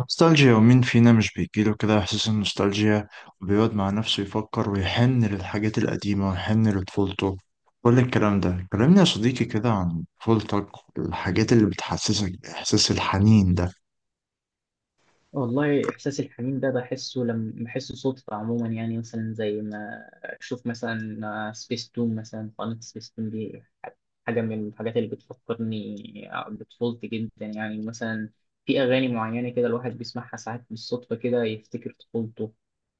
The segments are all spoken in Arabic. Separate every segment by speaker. Speaker 1: نوستالجيا، ومين فينا مش بيجيله كده إحساس النوستالجيا وبيقعد مع نفسه يفكر ويحن للحاجات القديمة ويحن لطفولته؟ كل الكلام ده كلمني يا صديقي كده عن طفولتك، الحاجات اللي بتحسسك بإحساس الحنين ده.
Speaker 2: والله إحساس الحنين ده بحسه لما بحسه صدفة عموما يعني مثلا زي ما أشوف مثلا سبيس تون مثلا. قناة سبيس تون دي حاجة من الحاجات اللي بتفكرني بطفولتي جدا. يعني مثلا في أغاني معينة كده الواحد بيسمعها ساعات بالصدفة كده يفتكر طفولته.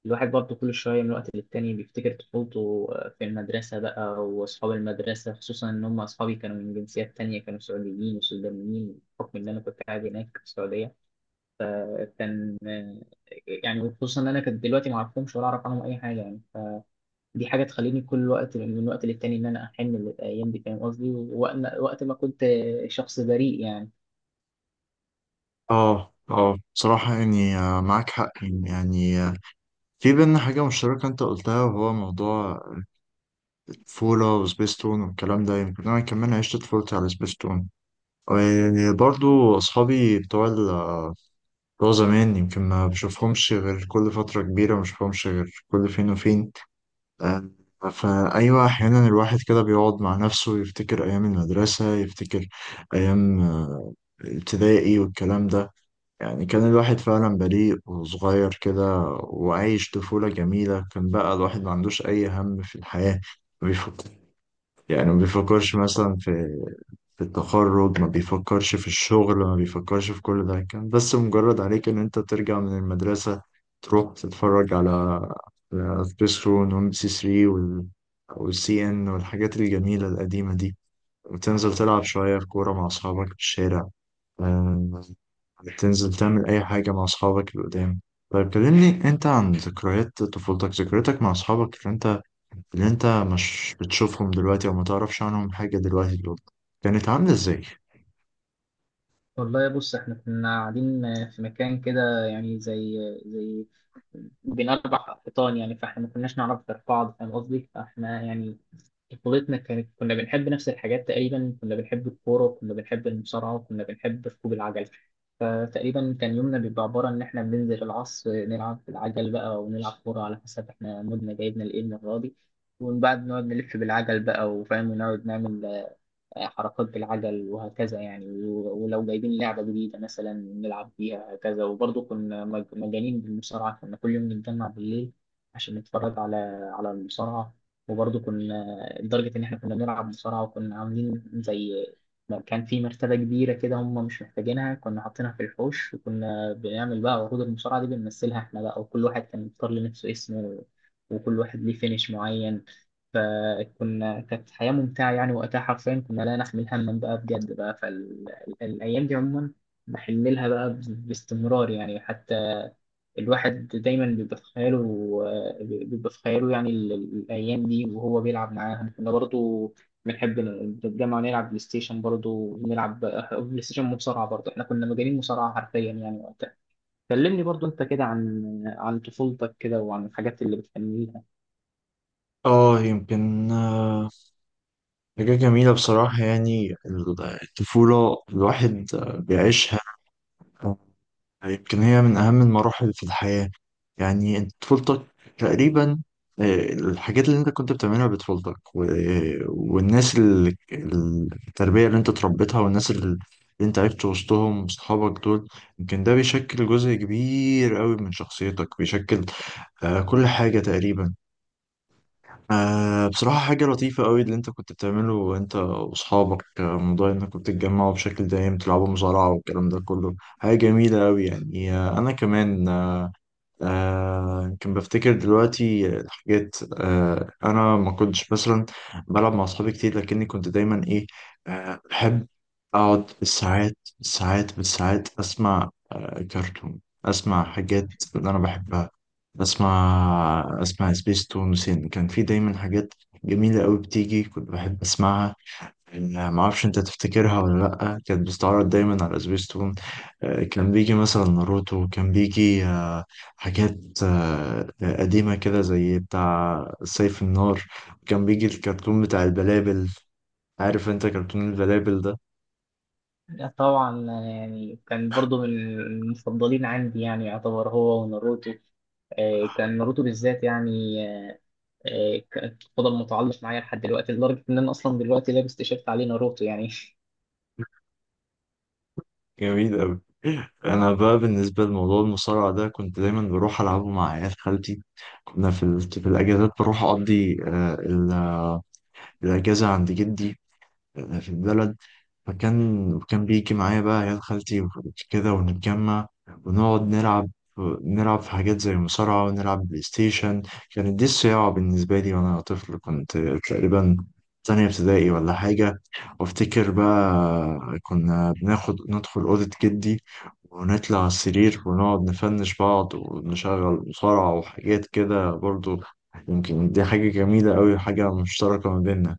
Speaker 2: الواحد برضه كل شوية من وقت للتاني بيفتكر طفولته في المدرسة بقى، وأصحاب المدرسة خصوصا إن هم أصحابي كانوا من جنسيات تانية، كانوا سعوديين وسودانيين بحكم إن أنا كنت قاعد هناك في السعودية. كان يعني خصوصا ان انا كنت دلوقتي ما اعرفهمش ولا اعرف عنهم اي حاجه. يعني دي حاجه تخليني كل وقت من وقت للتاني ان انا احن للايام دي، فاهم قصدي، وقت ما كنت شخص بريء يعني.
Speaker 1: اه، اه، بصراحة يعني، معاك حق يعني، في بينا حاجة مشتركة أنت قلتها، وهو موضوع الطفولة وسبيستون والكلام ده. يمكن أنا كمان عشت طفولتي على سبيستون، وبرضو أصحابي بتوع زمان، يمكن ما بشوفهمش غير كل فترة كبيرة، ما بشوفهمش غير كل فين وفين. آه، فأيوة، أحيانا الواحد كده بيقعد مع نفسه يفتكر أيام المدرسة، يفتكر أيام ابتدائي والكلام ده. يعني كان الواحد فعلا بريء وصغير كده وعايش طفولة جميلة، كان بقى الواحد ما عندوش أي هم في الحياة، ما بيفكر، يعني ما بيفكرش مثلا في التخرج، ما بيفكرش في الشغل، ما بيفكرش في كل ده. كان بس مجرد عليك ان انت ترجع من المدرسة تروح تتفرج على سبيس رون وام بي سي 3 والسي ان والحاجات الجميلة القديمة دي، وتنزل تلعب شوية في كورة مع أصحابك في الشارع. آه، تنزل تعمل أي حاجة مع أصحابك اللي قدام. طيب كلمني أنت عن ذكريات طفولتك، ذكرياتك مع أصحابك اللي أنت، اللي أنت مش بتشوفهم دلوقتي أو ما تعرفش عنهم حاجة دلوقتي، دول كانت عاملة إزاي؟
Speaker 2: والله بص احنا كنا قاعدين في مكان كده، يعني زي بين اربع حيطان، يعني فاحنا ما كناش نعرف غير بعض، فاهم قصدي. فاحنا يعني طفولتنا كانت، كنا بنحب نفس الحاجات تقريبا، كنا بنحب الكوره وكنا بنحب المصارعه وكنا بنحب ركوب العجل. فتقريبا كان يومنا بيبقى عباره ان احنا بننزل العصر نلعب العجل بقى، ونلعب كوره على حسب احنا مودنا جايبنا لايه المره دي، ومن بعد نقعد نلف بالعجل بقى وفاهم، ونقعد نعمل حركات بالعجل وهكذا يعني. ولو جايبين لعبة جديدة مثلا نلعب بيها هكذا. وبرضه كنا مجانين بالمصارعة، كنا كل يوم نتجمع بالليل عشان نتفرج على على المصارعة. وبرضه كنا لدرجة إن إحنا كنا بنلعب مصارعة، وكنا عاملين زي ما كان في مرتبة كبيرة كده هم مش محتاجينها، كنا حاطينها في الحوش، وكنا بنعمل بقى عروض المصارعة دي بنمثلها إحنا بقى، وكل واحد كان بيختار لنفسه اسمه، وكل واحد ليه فينش معين. فكنا كانت حياة ممتعة يعني وقتها، حرفيا كنا لا نحمل هما بقى بجد بقى. فالأيام دي عموما بحن لها بقى باستمرار يعني. حتى الواحد دايما بيبقى في خياله، بيبقى في خياله يعني الأيام دي وهو بيلعب معاهم. كنا برضو بنحب نتجمع نلعب بلاي ستيشن، برضو نلعب بلاي ستيشن مصارعة. برضو احنا كنا مجانين مصارعة حرفيا يعني وقتها. كلمني برضو انت كده عن عن طفولتك كده، وعن الحاجات اللي بتحن لها.
Speaker 1: اه، يمكن حاجة جميلة بصراحة يعني. الطفولة الواحد بيعيشها، يمكن هي من أهم المراحل في الحياة. يعني أنت طفولتك تقريبا، الحاجات اللي أنت كنت بتعملها بطفولتك والناس التربية اللي أنت اتربيتها، والناس اللي أنت عشت وسطهم وصحابك دول، يمكن ده بيشكل جزء كبير قوي من شخصيتك، بيشكل كل حاجة تقريبا. بصراحة حاجة لطيفة قوي اللي أنت كنت بتعمله أنت وأصحابك، موضوع إنكم بتتجمعوا بشكل دائم تلعبوا مزارعة والكلام ده كله، حاجة جميلة أوي يعني. أنا كمان كان بفتكر دلوقتي الحاجات. انا ما كنتش مثلا بلعب مع اصحابي كتير، لكني كنت دايما ايه، بحب اقعد بالساعات بالساعات بالساعات اسمع كرتون، اسمع حاجات اللي انا بحبها. اسمع سبيس تون وسين، كان في دايما حاجات جميلة قوي بتيجي كنت بحب اسمعها. ما اعرفش انت تفتكرها ولا لا، كانت بتستعرض دايما على سبيستون. كان بيجي مثلا ناروتو، كان بيجي حاجات قديمة كده زي بتاع سيف النار، كان بيجي الكرتون بتاع البلابل. عارف انت كرتون البلابل ده؟
Speaker 2: طبعا، يعني كان برضو من المفضلين عندي، يعني يعتبر هو وناروتو. كان ناروتو بالذات يعني فضل متعلق معايا لحد دلوقتي، لدرجة إن أنا أصلا دلوقتي لابس تيشيرت عليه ناروتو يعني.
Speaker 1: جميل قوي. انا بقى بالنسبة لموضوع المصارعة ده كنت دايما بروح العبه مع عيال خالتي. كنا في الاجازات بروح اقضي الاجازة عند جدي في البلد. وكان بيجي معايا بقى عيال خالتي وكده، ونتجمع ونقعد نلعب في حاجات زي مصارعة، ونلعب بلاي ستيشن. كانت دي الصياعة بالنسبة لي، وأنا طفل كنت تقريبا تانية ابتدائي ولا حاجة. وافتكر بقى كنا بناخد ندخل أوضة جدي، ونطلع على السرير ونقعد نفنش بعض ونشغل مصارعة وحاجات كده برضو. يمكن دي حاجة جميلة أوي، حاجة مشتركة ما بيننا.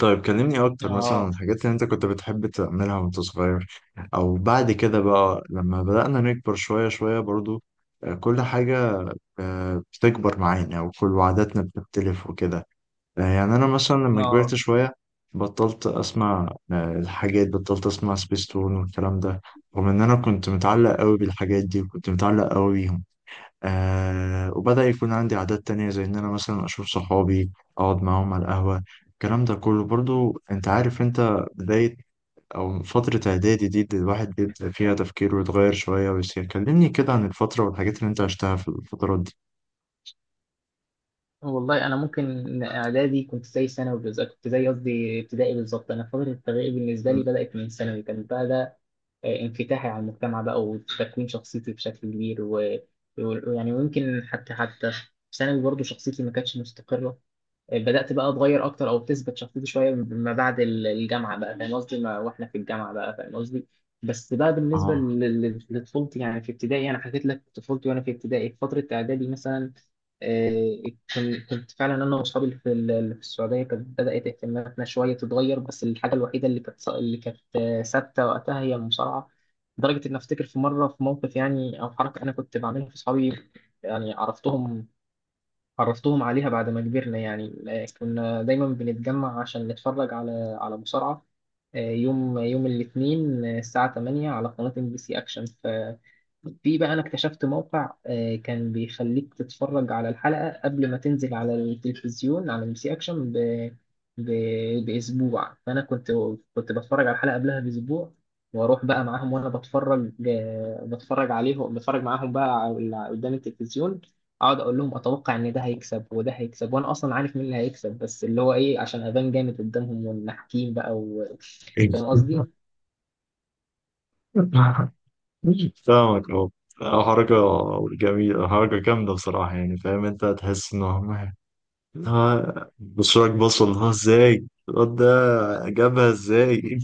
Speaker 1: طيب كلمني اكتر مثلا عن
Speaker 2: آه.
Speaker 1: الحاجات اللي انت كنت بتحب تعملها وانت صغير، او بعد كده بقى لما بدأنا نكبر شوية شوية برضو. كل حاجة بتكبر معانا وكل عاداتنا بتختلف وكده. يعني انا مثلا لما كبرت
Speaker 2: آه
Speaker 1: شوية، بطلت اسمع الحاجات، بطلت اسمع سبيستون والكلام ده، رغم ان انا كنت متعلق قوي بالحاجات دي وكنت متعلق قوي. وبدأ يكون عندي عادات تانية، زي إن أنا مثلا أشوف صحابي، أقعد معاهم على القهوة. الكلام ده كله برضو أنت عارف، أنت بداية أو فترة إعدادي دي الواحد بيبدأ فيها تفكيره ويتغير شوية ويصير. كلمني كده عن الفترة والحاجات اللي أنت عشتها في الفترات دي.
Speaker 2: والله أنا ممكن إن إعدادي كنت زي ثانوي بالظبط، كنت زي قصدي ابتدائي بالظبط. أنا فترة التربية بالنسبة
Speaker 1: مم.
Speaker 2: لي بدأت من ثانوي، كان بقى ده انفتاحي على المجتمع بقى وتكوين شخصيتي بشكل كبير. ويعني ويمكن حتى في ثانوي برضه شخصيتي ما كانتش مستقرة، بدأت بقى اتغير اكتر او بتثبت شخصيتي شويه ما بعد الجامعه بقى، فاهم قصدي واحنا في الجامعه بقى، فاهم قصدي. بس بقى بالنسبه
Speaker 1: آه.
Speaker 2: لطفولتي يعني في ابتدائي انا حكيت لك طفولتي وانا في ابتدائي. في فتره اعدادي مثلا آه، كنت فعلا انا واصحابي اللي في اللي في السعوديه كانت بدات اهتماماتنا شويه تتغير. بس الحاجه الوحيده اللي كانت اللي كانت ثابته وقتها هي المصارعه، لدرجه ان افتكر في مره في موقف يعني او حركه انا كنت بعملها في اصحابي. يعني عرفتهم عليها بعد ما كبرنا يعني. كنا دايما بنتجمع عشان نتفرج على على مصارعة يوم الاثنين، الساعة 8 على قناة ام بي سي اكشن. في بقى انا اكتشفت موقع كان بيخليك تتفرج على الحلقة قبل ما تنزل على التلفزيون على ام سي اكشن ب... باسبوع، فانا كنت كنت بتفرج على الحلقة قبلها باسبوع. واروح بقى معاهم وانا بتفرج بتفرج عليهم، بتفرج معاهم بقى على اللي قدام التلفزيون، اقعد اقول لهم اتوقع ان ده هيكسب وده هيكسب وانا اصلا عارف مين اللي هيكسب، بس اللي هو ايه عشان ابان جامد قدامهم ونحكيم بقى و...
Speaker 1: إيه.
Speaker 2: فاهم قصدي.
Speaker 1: فاهمك أهو. حركة جميلة، حركة جامدة بصراحة يعني. فاهم أنت، تحس إن هم بصراك بصل اللي هو إزاي الواد ده جابها إزاي.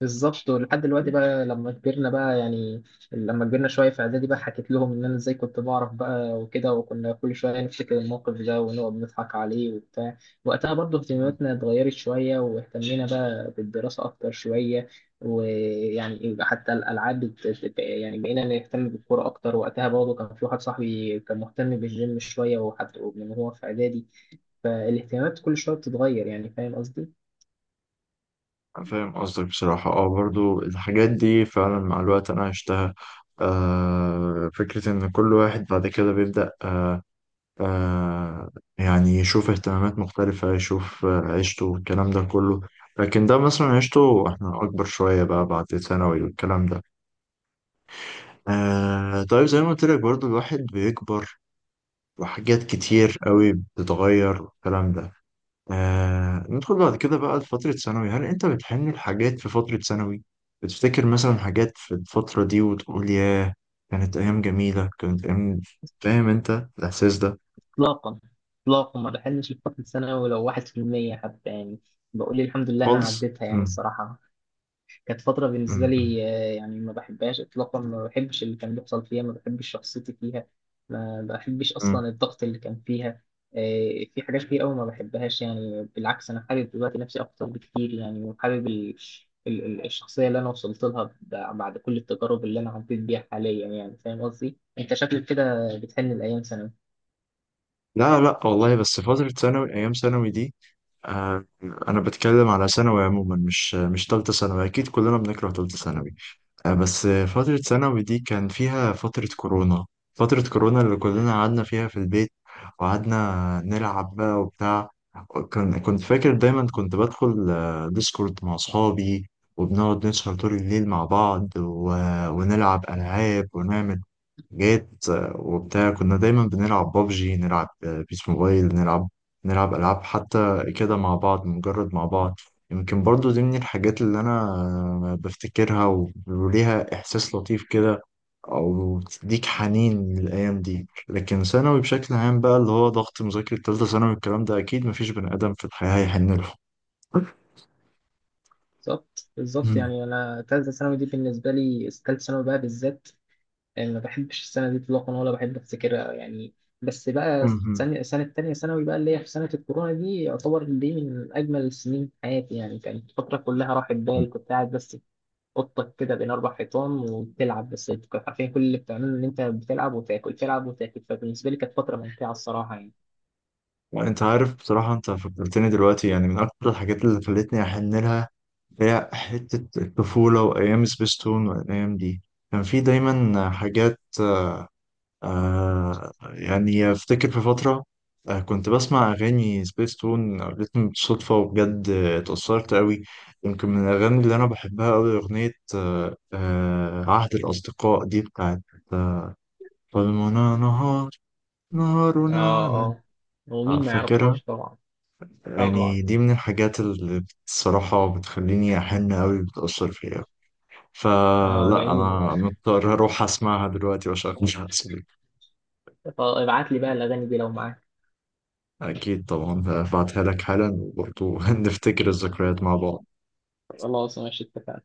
Speaker 2: بالظبط، ولحد دلوقتي بقى لما كبرنا بقى يعني، لما كبرنا شويه في اعدادي بقى حكيت لهم ان انا ازاي كنت بعرف بقى وكده، وكنا كل شويه نفتكر الموقف ده ونقعد نضحك عليه وبتاع. وقتها برضه اهتماماتنا اتغيرت شويه، واهتمينا بقى بالدراسه اكتر شويه، ويعني حتى الالعاب يعني بقينا نهتم بالكوره اكتر. وقتها برضه كان في واحد صاحبي كان مهتم بالجيم شويه، وحتى من هو في اعدادي الاهتمامات كل شويه بتتغير، يعني فاهم قصدي.
Speaker 1: أنا فاهم قصدك بصراحة. اه، برضو الحاجات دي فعلا مع الوقت أنا عشتها. فكرة إن كل واحد بعد كده بيبدأ آه يعني يشوف اهتمامات مختلفة، يشوف عيشته والكلام ده كله. لكن ده مثلا عيشته احنا أكبر شوية بقى بعد ثانوي والكلام ده. طيب زي ما قلت لك برضو، الواحد بيكبر وحاجات كتير قوي بتتغير والكلام ده. ندخل بعد كده بقى لفترة ثانوي. هل أنت بتحن لحاجات في فترة ثانوي؟ بتفتكر مثلا حاجات في الفترة دي وتقول ياه، كانت أيام جميلة، كانت أيام، فاهم أنت الإحساس ده؟
Speaker 2: اطلاقا، اطلاقا ما بحلمش بفتره الثانوي لو 1%. حتى يعني بقول الحمد لله انا
Speaker 1: خالص؟
Speaker 2: عديتها يعني
Speaker 1: مم.
Speaker 2: الصراحه. كانت فتره بالنسبه
Speaker 1: مم. مم.
Speaker 2: لي يعني ما بحبهاش اطلاقا، ما بحبش اللي كان بيحصل فيها، ما بحبش شخصيتي فيها، ما بحبش
Speaker 1: مم.
Speaker 2: اصلا الضغط اللي كان فيها. في حاجات كتير قوي ما بحبهاش. يعني بالعكس انا حابب دلوقتي نفسي اكتر بكتير يعني، وحابب الشخصيه اللي انا وصلت لها بعد كل التجارب اللي انا عديت بيها حاليا، يعني فاهم قصدي. انت شكلك كده بتحن الايام.
Speaker 1: لا، لا والله، بس فترة ثانوي، أيام ثانوي دي، آه أنا بتكلم على ثانوي عموما، مش تالتة ثانوي، أكيد كلنا بنكره تالتة ثانوي. بس فترة ثانوي دي كان فيها فترة كورونا، فترة كورونا اللي كلنا قعدنا فيها في البيت وقعدنا نلعب بقى وبتاع. كان كنت فاكر دايما كنت بدخل ديسكورد مع أصحابي، وبنقعد نسهر طول الليل مع بعض ونلعب ألعاب ونعمل جيت وبتاع. كنا دايما بنلعب بابجي، نلعب بيس موبايل، نلعب ألعاب حتى كده مع بعض، مجرد مع بعض. يمكن برضو دي من الحاجات اللي أنا بفتكرها، وليها إحساس لطيف كده، أو تديك حنين للأيام دي. لكن ثانوي بشكل عام بقى، اللي هو ضغط مذاكرة تالتة ثانوي الكلام ده، أكيد مفيش بني آدم في الحياة هيحن له.
Speaker 2: بالظبط. يعني انا تالتة ثانوي دي بالنسبة لي، تالتة ثانوي بقى بالذات يعني ما بحبش السنة دي اطلاقا، ولا بحب افتكرها يعني. بس بقى سنة تانية ثانوي بقى اللي هي في سنة الكورونا دي، يعتبر دي من أجمل السنين في حياتي. يعني كانت الفترة كلها راحت بال، كنت قاعد بس في أوضتك كده بين أربع حيطان وبتلعب بس، كنت عارفين كل اللي بتعمله إن أنت بتلعب وتاكل، تلعب وتاكل. فبالنسبة لي كانت فترة ممتعة الصراحة يعني.
Speaker 1: انت عارف بصراحة، انت فكرتني دلوقتي، يعني من اكتر الحاجات اللي خلتني احن لها هي حتة الطفولة وأيام سبيستون والأيام دي. كان في دايما حاجات، يعني أفتكر في فترة، كنت بسمع أغاني سبيستون قابلتني بالصدفة وبجد اتأثرت أوي. يمكن من الأغاني اللي أنا بحبها أوي أغنية عهد الأصدقاء دي بتاعت، ظلمنا نهار، نهارنا
Speaker 2: آه.
Speaker 1: على.
Speaker 2: آه ومين ما
Speaker 1: فاكرها.
Speaker 2: يعرفهاش طبعا. طبعا.
Speaker 1: يعني دي من الحاجات اللي الصراحة بتخليني أحن أوي، بتأثر فيا.
Speaker 2: آه
Speaker 1: فلا
Speaker 2: جميل،
Speaker 1: انا مضطر اروح اسمعها دلوقتي واشغلها. اصلي
Speaker 2: ابعت لي بقى الاغاني دي لو معاك.
Speaker 1: اكيد طبعا هبعتها لك حالا، وبرضه نفتكر الذكريات مع بعض.
Speaker 2: خلاص ماشي، اتفقنا.